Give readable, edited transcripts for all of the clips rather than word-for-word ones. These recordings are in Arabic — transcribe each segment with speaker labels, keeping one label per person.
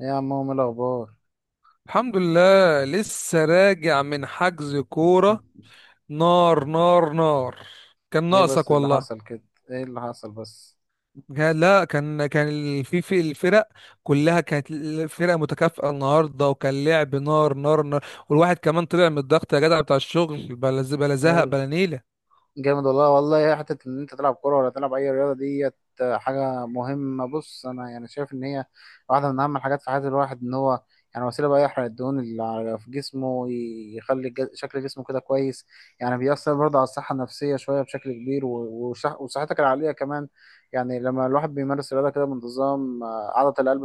Speaker 1: ايه يا عمو، ايه الاخبار؟
Speaker 2: الحمد لله لسه راجع من حجز كورة. نار نار نار. كان
Speaker 1: ايه بس
Speaker 2: ناقصك
Speaker 1: اللي
Speaker 2: والله.
Speaker 1: حصل كده؟ ايه اللي حصل بس؟
Speaker 2: لا كان في الفرق كلها كانت الفرق متكافئة النهاردة، وكان لعب نار نار نار، والواحد كمان طلع من الضغط يا جدع بتاع الشغل، بلا زهق
Speaker 1: هل
Speaker 2: بلا نيلة.
Speaker 1: جامد؟ والله حته ان انت تلعب كوره ولا تلعب اي رياضه ديت حاجه مهمه. بص، انا يعني شايف ان هي واحده من اهم الحاجات في حياه الواحد، ان هو يعني وسيله بقى يحرق الدهون اللي في جسمه، ويخلي شكل جسمه كده كويس. يعني بيأثر برضه على الصحه النفسيه شويه بشكل كبير، وصحتك العقليه كمان. يعني لما الواحد بيمارس رياضه كده بانتظام، عضله القلب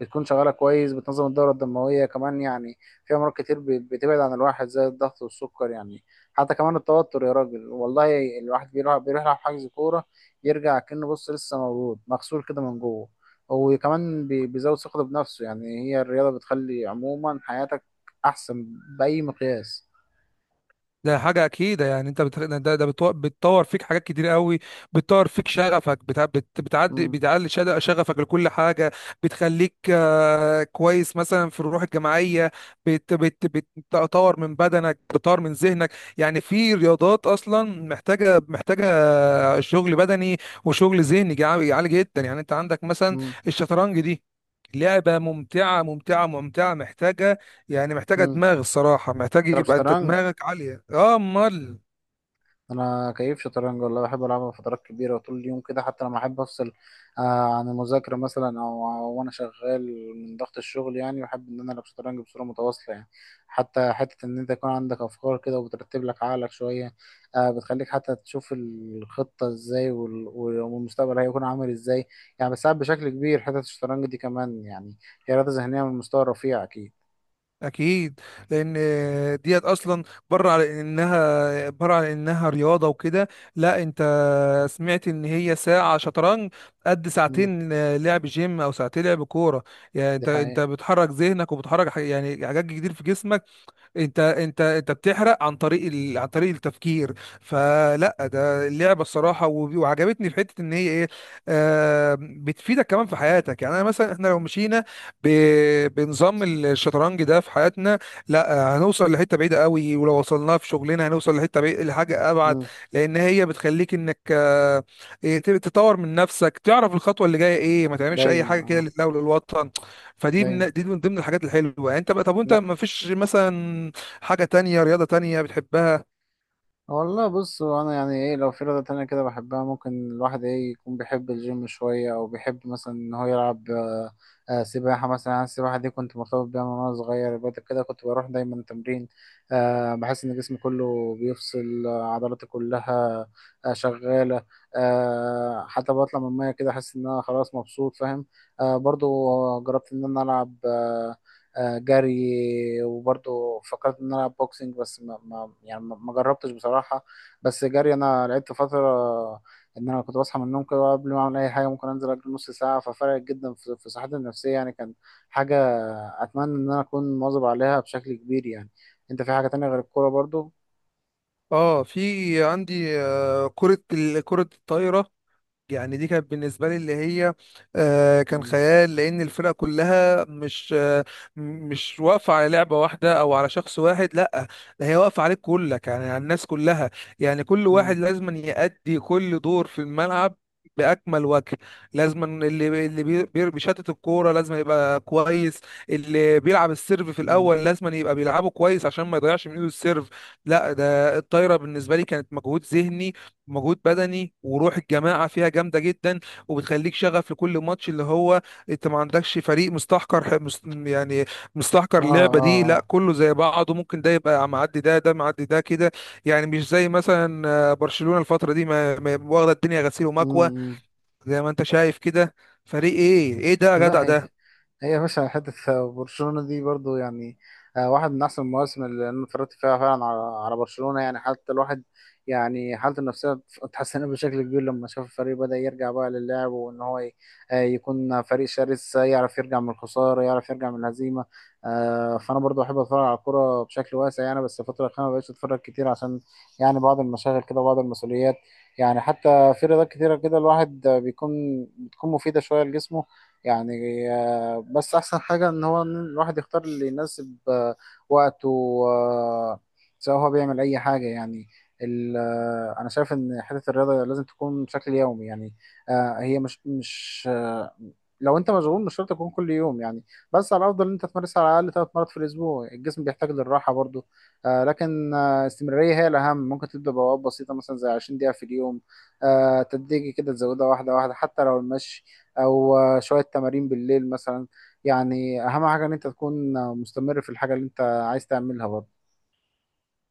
Speaker 1: بتكون شغاله كويس، بتنظم الدوره الدمويه كمان. يعني في امراض كتير بتبعد عن الواحد زي الضغط والسكر، يعني حتى كمان التوتر يا راجل. والله الواحد بيروح يلعب حجز كوره، يرجع كأنه، بص، لسه مولود مغسول كده من جوه. وكمان بيزود ثقته بنفسه. يعني هي الرياضه بتخلي عموما حياتك احسن باي مقياس.
Speaker 2: ده حاجة أكيدة. يعني أنت بت... ده ده بتو... بتطور فيك حاجات كتير قوي. بتطور فيك شغفك، بتعدي
Speaker 1: امم.
Speaker 2: بتعلي شغفك لكل حاجة. بتخليك كويس مثلا في الروح الجماعية. بت... بت... بتطور من بدنك، بتطور من ذهنك. يعني في رياضات أصلا محتاجة شغل بدني وشغل ذهني عالي جدا. يعني أنت عندك مثلا
Speaker 1: امم.
Speaker 2: الشطرنج دي، لعبة ممتعة ممتعة ممتعة محتاجة. يعني محتاجة
Speaker 1: امم.
Speaker 2: دماغ الصراحة، محتاج
Speaker 1: تلعب
Speaker 2: يبقى انت
Speaker 1: شطرنج؟
Speaker 2: دماغك عالية، اه امال.
Speaker 1: انا كيف شطرنج، والله بحب العبها فترات كبيره وطول اليوم كده. حتى لما احب افصل عن المذاكره مثلا، او وانا شغال من ضغط الشغل، يعني بحب ان انا العب شطرنج بصوره متواصله. يعني حتى حته ان انت يكون عندك افكار كده وبترتب لك عقلك شويه، آه، بتخليك حتى تشوف الخطه ازاي والمستقبل هيكون عامل ازاي. يعني بتساعد بشكل كبير حته الشطرنج دي كمان، يعني هي رياضه ذهنيه من مستوى رفيع اكيد.
Speaker 2: اكيد. لان ديت اصلا، بره على انها رياضة وكده. لا انت، سمعت ان هي ساعة شطرنج قد
Speaker 1: مم.
Speaker 2: ساعتين لعب جيم او ساعتين لعب كورة. يعني
Speaker 1: دي
Speaker 2: انت
Speaker 1: حقيقه.
Speaker 2: بتحرك ذهنك وبتحرك يعني حاجات كتير في جسمك. انت بتحرق عن طريق عن طريق التفكير. فلا ده اللعبه الصراحه، وعجبتني في حته ان هي ايه. بتفيدك كمان في حياتك. يعني انا مثلا، احنا لو مشينا ب... بنظام الشطرنج ده في حياتنا، لا هنوصل لحته بعيده قوي، ولو وصلناها في شغلنا هنوصل لحته بعيدة لحاجه ابعد.
Speaker 1: مم.
Speaker 2: لان هي بتخليك انك آه إيه، تطور من نفسك، تعرف الخطوه اللي جايه ايه، ما تعملش اي
Speaker 1: دايما.
Speaker 2: حاجه كده
Speaker 1: اه،
Speaker 2: لله وللوطن. فدي،
Speaker 1: دايما.
Speaker 2: من دي من ضمن الحاجات الحلوه. يعني انت بقى، طب وانت ما فيش مثلا حاجه تانية، رياضه تانية بتحبها؟
Speaker 1: والله بص، هو انا يعني ايه، لو في رياضة تانية كده بحبها، ممكن الواحد ايه، يكون بيحب الجيم شوية، او بيحب مثلا ان هو يلعب سباحة مثلا. انا السباحة دي كنت مرتبط بيها من وانا صغير. بعد كده كنت بروح دايما تمرين، بحس ان جسمي كله بيفصل، عضلاتي كلها شغالة. حتى بطلع من المية كده احس ان انا خلاص مبسوط، فاهم؟ برضو جربت ان انا العب جري، وبرضه فكرت ان انا العب بوكسنج، بس ما يعني ما جربتش بصراحه. بس جري انا لعبت فتره، ان انا كنت بصحى من النوم كده قبل ما اعمل اي حاجه، ممكن انزل اجري نص ساعه. ففرقت جدا في صحتي النفسيه، يعني كان حاجه اتمنى ان انا اكون مواظب عليها بشكل كبير. يعني انت في حاجه تانية غير الكوره برضو؟
Speaker 2: اه، في عندي كره الطايره. يعني دي كانت بالنسبة لي اللي هي كان
Speaker 1: مم.
Speaker 2: خيال، لأن الفرقة كلها مش مش واقفة على لعبة واحدة أو على شخص واحد، لأ. ده هي واقفة عليك كلك، يعني على الناس كلها. يعني كل
Speaker 1: مم.
Speaker 2: واحد لازم يأدي كل دور في الملعب بأكمل وجه. لازم اللي بيشتت الكورة لازم يبقى كويس. اللي بيلعب السيرف في
Speaker 1: مم.
Speaker 2: الأول لازم يبقى بيلعبه كويس عشان ما يضيعش من إيده السيرف. لا ده الطايرة بالنسبة لي كانت مجهود ذهني، مجهود بدني، وروح الجماعة فيها جامدة جدا، وبتخليك شغف لكل ماتش. اللي هو انت ما عندكش فريق مستحكر يعني مستحكر
Speaker 1: اه.
Speaker 2: اللعبة دي،
Speaker 1: اه.
Speaker 2: لا
Speaker 1: اه.
Speaker 2: كله زي بعضه، ممكن ده يبقى معدي، ده معدي، ده كده. يعني مش زي مثلا برشلونة الفترة دي واخدة الدنيا غسيل ومكوى.
Speaker 1: مم.
Speaker 2: زي ما انت شايف كده، فريق ايه ايه ده يا جدع
Speaker 1: لا هي،
Speaker 2: ده؟
Speaker 1: هي يا باشا حتة. برشلونة دي برضو يعني، واحد من أحسن المواسم اللي أنا اتفرجت فيها فعلا على برشلونة. يعني حتى الواحد يعني حالته النفسية اتحسنت بشكل كبير لما شاف الفريق بدأ يرجع بقى للعب، وإن هو يكون فريق شرس، يعرف يرجع من الخسارة، يعرف يرجع من الهزيمة. فأنا برضو أحب أتفرج على الكورة بشكل واسع، يعني بس الفترة الأخيرة مبقتش أتفرج كتير عشان يعني بعض المشاغل كده وبعض المسؤوليات. يعني حتى في رياضات كتيرة كده الواحد بيكون بتكون مفيدة شوية لجسمه، يعني بس احسن حاجة ان هو إن الواحد يختار اللي يناسب وقته، آه، سواء هو بيعمل اي حاجة. يعني انا شايف ان حتة الرياضة لازم تكون بشكل يومي. يعني هي مش لو انت مشغول، مش شرط تكون كل يوم. يعني بس على الافضل ان انت تمارسها على الاقل 3 مرات في الاسبوع. الجسم بيحتاج للراحة برضو، لكن استمرارية هي الاهم. ممكن تبدأ بوابات بسيطة مثلا زي 20 دقيقة في اليوم، تدريجي كده تزودها واحدة واحدة، حتى لو المشي، او شوية تمارين بالليل مثلا. يعني اهم حاجة ان انت تكون مستمر في الحاجة اللي انت عايز تعملها برضه.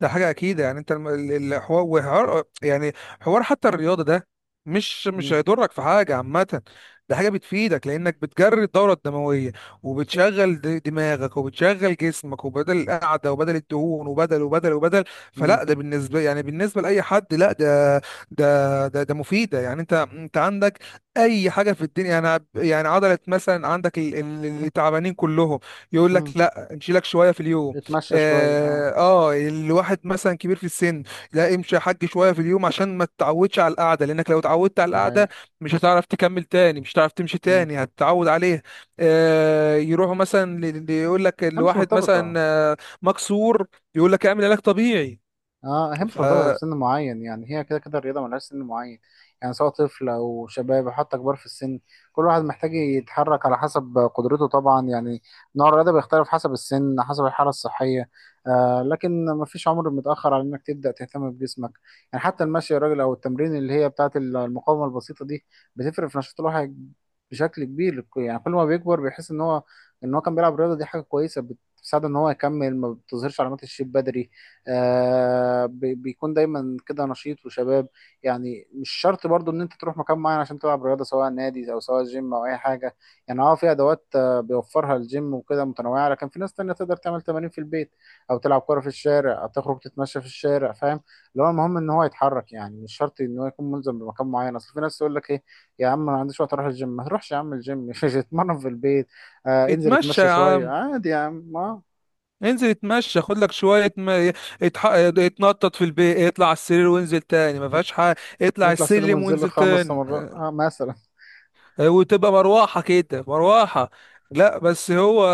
Speaker 2: ده حاجة أكيد. يعني أنت الحوار، وحوار يعني حوار، حتى الرياضة ده مش
Speaker 1: مم.
Speaker 2: هيضرك في حاجة عامة. ده حاجة بتفيدك، لأنك بتجري الدورة الدموية، وبتشغل دماغك، وبتشغل جسمك، وبدل القعدة وبدل الدهون وبدل وبدل وبدل.
Speaker 1: مم.
Speaker 2: فلا ده بالنسبة، يعني بالنسبة لأي حد، لا ده، ده مفيدة. يعني أنت عندك أي حاجة في الدنيا. يعني يعني عضلة مثلا، عندك اللي تعبانين كلهم، يقول
Speaker 1: مم.
Speaker 2: لك لا، نشيلك شوية في اليوم.
Speaker 1: اتمشى شوية، اه.
Speaker 2: اه، الواحد مثلا كبير في السن، لا امشي يا حاج شويه في اليوم عشان ما تتعودش على القعده، لانك لو اتعودت على
Speaker 1: ده
Speaker 2: القعده
Speaker 1: حقيقة.
Speaker 2: مش هتعرف تكمل تاني، مش هتعرف تمشي
Speaker 1: مم.
Speaker 2: تاني، هتتعود عليها. يروحوا مثلا، يقول لك
Speaker 1: هي مش
Speaker 2: الواحد مثلا
Speaker 1: مرتبطة.
Speaker 2: مكسور، يقول لك اعمل علاج طبيعي.
Speaker 1: اه، هي مش مرتبطة بسن معين. يعني هي كده كده الرياضة ملهاش سن معين، يعني سواء طفل أو شباب أو حتى كبار في السن، كل واحد محتاج يتحرك على حسب قدرته طبعا. يعني نوع الرياضة بيختلف حسب السن، حسب الحالة الصحية، آه، لكن مفيش عمر متأخر على إنك تبدأ تهتم بجسمك. يعني حتى المشي يا راجل، أو التمرين اللي هي بتاعة المقاومة البسيطة دي، بتفرق في نشاط الواحد بشكل كبير. يعني كل ما بيكبر بيحس إن هو، إن هو كان بيلعب رياضة، دي حاجة كويسة بتساعده إن هو يكمل، ما بتظهرش علامات الشيب بدري، آه، بيكون دايما كده نشيط وشباب. يعني مش شرط برضو ان انت تروح مكان معين عشان تلعب رياضه، سواء نادي او سواء جيم او اي حاجه. يعني اه، في ادوات بيوفرها الجيم وكده متنوعه، لكن في ناس تانية تقدر تعمل تمارين في البيت، او تلعب كوره في الشارع، او تخرج تتمشى في الشارع، فاهم؟ اللي هو المهم ان هو يتحرك. يعني مش شرط ان هو يكون ملزم بمكان معين. اصل في ناس تقول لك ايه، يا عم انا ما عنديش وقت اروح الجيم. ما تروحش يا عم الجيم، اتمرن في البيت. آه، انزل
Speaker 2: فاتمشى
Speaker 1: اتمشى
Speaker 2: يا
Speaker 1: شويه
Speaker 2: عم،
Speaker 1: عادي يا عم، اه.
Speaker 2: انزل اتمشى خد لك شويه، ما اتنطط في البيت، اطلع على السرير وانزل تاني، ما فيهاش حاجه، اطلع
Speaker 1: اطلع سلم
Speaker 2: السلم
Speaker 1: وانزل
Speaker 2: وانزل
Speaker 1: خمس
Speaker 2: تاني.
Speaker 1: مرات آه، مثلا.
Speaker 2: وتبقى مروحة كده مروحة. لا بس هو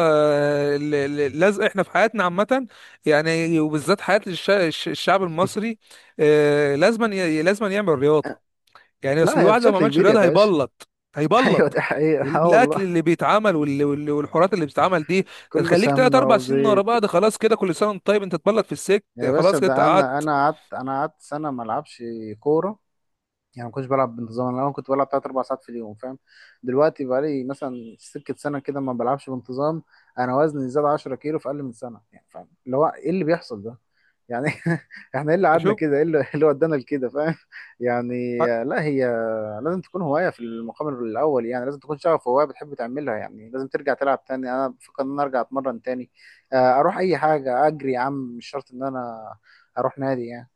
Speaker 2: اللزق احنا في حياتنا عامة، يعني وبالذات حياة الشعب المصري لازما يعمل رياضة. يعني اصل
Speaker 1: لا هي
Speaker 2: الواحد لو ما
Speaker 1: بشكل
Speaker 2: عملش
Speaker 1: كبير يا
Speaker 2: رياضة
Speaker 1: باشا.
Speaker 2: هيبلط.
Speaker 1: ايوه،
Speaker 2: هيبلط.
Speaker 1: دي حقيقة. اه
Speaker 2: الاكل
Speaker 1: والله،
Speaker 2: اللي بيتعمل والحورات اللي بتتعمل دي، ده
Speaker 1: كله
Speaker 2: تخليك تلات
Speaker 1: سمنة
Speaker 2: اربع سنين ورا
Speaker 1: وزيت.
Speaker 2: بعض. خلاص كده كل سنة وانت طيب انت تبلط في السجن.
Speaker 1: يا باشا،
Speaker 2: خلاص كده أنت
Speaker 1: ده انا،
Speaker 2: قعدت.
Speaker 1: انا قعدت سنة ما العبش كورة. يعني ما كنتش بلعب بانتظام. انا الاول كنت بلعب 3 أو 4 ساعات في اليوم، فاهم؟ دلوقتي بقالي مثلا سكة سنة كده ما بلعبش بانتظام. انا وزني زاد 10 كيلو في اقل من سنة، يعني فاهم اللي هو ايه اللي بيحصل ده؟ يعني احنا ايه اللي قعدنا
Speaker 2: شوف
Speaker 1: كده؟ ايه اللي إيه اللي ودانا لكده، فاهم؟ يعني لا هي لازم تكون هواية في المقام الأول. يعني لازم تكون شغف، هواية بتحب تعملها. يعني لازم ترجع تلعب تاني. أنا بفكر إن أنا أرجع أتمرن تاني، أروح أي حاجة أجري يا عم، مش شرط إن أنا أروح نادي يعني.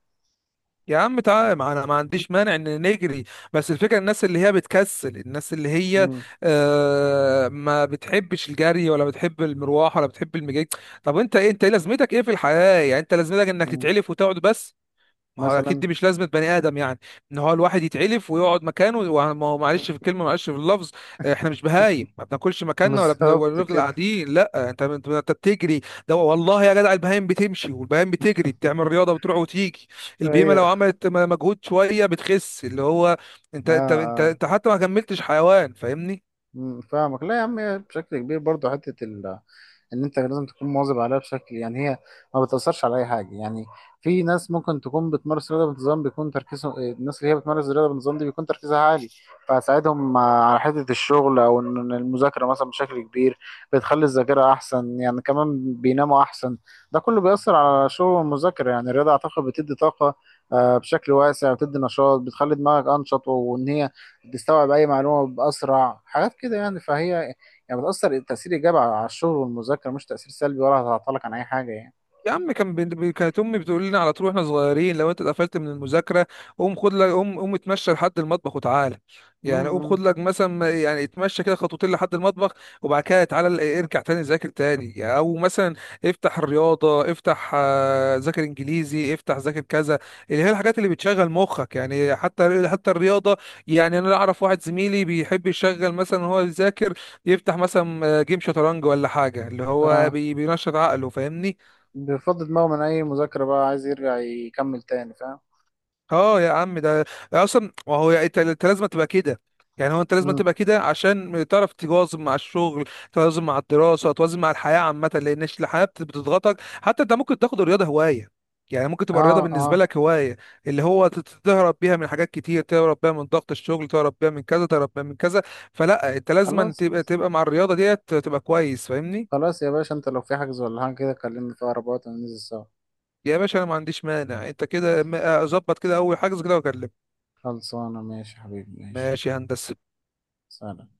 Speaker 2: يا عم تعالى، ما انا ما عنديش مانع ان نجري. بس الفكره الناس اللي هي بتكسل، الناس اللي هي
Speaker 1: مم.
Speaker 2: ما بتحبش الجري ولا بتحب المروح ولا بتحب المجيء. طب انت ايه، انت ايه لازمتك ايه في الحياه؟ يعني انت لازمتك انك
Speaker 1: مم.
Speaker 2: تتعلف وتقعد بس؟ ما هو اكيد
Speaker 1: مثلا.
Speaker 2: دي مش لازمه بني ادم، يعني ان هو الواحد يتعلف ويقعد مكانه، ما هو معلش في الكلمه، معلش في اللفظ. احنا مش بهايم، ما بناكلش مكاننا ولا ولا
Speaker 1: بالظبط
Speaker 2: بنفضل
Speaker 1: كده.
Speaker 2: قاعدين، لا انت انت أنت بتجري. ده والله يا جدع، البهايم بتمشي، والبهايم بتجري، بتعمل رياضه، بتروح وتيجي. البهيمه
Speaker 1: أيوه.
Speaker 2: لو عملت مجهود شويه بتخس. اللي هو
Speaker 1: آه،
Speaker 2: انت انت انت
Speaker 1: آه.
Speaker 2: انت حتى ما كملتش حيوان، فاهمني؟
Speaker 1: مم، فاهمك. لا يا عم، هي بشكل كبير برضه حته ان انت لازم تكون مواظب عليها بشكل. يعني هي ما بتاثرش على اي حاجه. يعني في ناس ممكن تكون بتمارس رياضه بانتظام بيكون تركيزهم، الناس اللي هي بتمارس الرياضه بانتظام دي بيكون تركيزها عالي، فهتساعدهم على حته الشغل او ان المذاكره مثلا بشكل كبير. بتخلي الذاكره احسن، يعني كمان بيناموا احسن. ده كله بيأثر على الشغل والمذاكره. يعني الرياضه اعتقد بتدي طاقه بشكل واسع، بتدي نشاط، بتخلي دماغك انشط، وان هي بيستوعب اي معلومه باسرع حاجات كده. يعني فهي، يعني بتاثر تاثير ايجابي على الشغل والمذاكره، مش تاثير سلبي، ولا هتعطلك عن اي حاجه يعني.
Speaker 2: يا عم، كانت امي بتقول لنا على طول واحنا صغيرين، لو انت اتقفلت من المذاكره قوم خد لك، قوم اتمشى لحد المطبخ وتعالى. يعني قوم خد
Speaker 1: امم.
Speaker 2: لك مثلا يعني اتمشى كده خطوتين لحد المطبخ، وبعد كده تعالى ارجع تاني ذاكر تاني. يعني او مثلا افتح الرياضه، افتح ذاكر انجليزي، افتح ذاكر كذا، اللي هي الحاجات اللي بتشغل مخك. يعني حتى الرياضه. يعني انا اعرف واحد زميلي بيحب يشغل مثلا وهو بيذاكر، يفتح مثلا جيم شطرنج ولا حاجه اللي هو
Speaker 1: ف-
Speaker 2: بينشط عقله، فاهمني؟
Speaker 1: بيفضي دماغه من اي مذاكره بقى، عايز يرجع يكمل تاني، فاهم.
Speaker 2: اه يا عم ده اصلا، ما هو انت لازم تبقى كده. يعني هو انت لازم
Speaker 1: امم.
Speaker 2: تبقى كده عشان تعرف تواظب مع الشغل، توازن مع الدراسه، توازن مع الحياه عامه. لان الحياه بتضغطك. حتى انت ممكن تاخد الرياضه هوايه، يعني ممكن تبقى
Speaker 1: اه.
Speaker 2: الرياضه
Speaker 1: اه.
Speaker 2: بالنسبه لك هوايه، اللي هو تهرب بيها من حاجات كتير، تهرب بيها من ضغط الشغل، تهرب بيها من كذا، تهرب بيها من كذا. فلا انت لازم
Speaker 1: خلاص.
Speaker 2: تبقى مع الرياضه ديت تبقى كويس، فاهمني؟
Speaker 1: خلاص يا باشا، انت لو في حجز ولا حاجه كده، كلمني في اقرب وقت وننزل سوا.
Speaker 2: يا باشا انا ما عنديش مانع، انت كده ظبط كده اول حاجه كده واكلمك.
Speaker 1: خلصانه، ماشي يا حبيبي،
Speaker 2: ماشي
Speaker 1: ماشي.
Speaker 2: يا هندسه.
Speaker 1: سلام.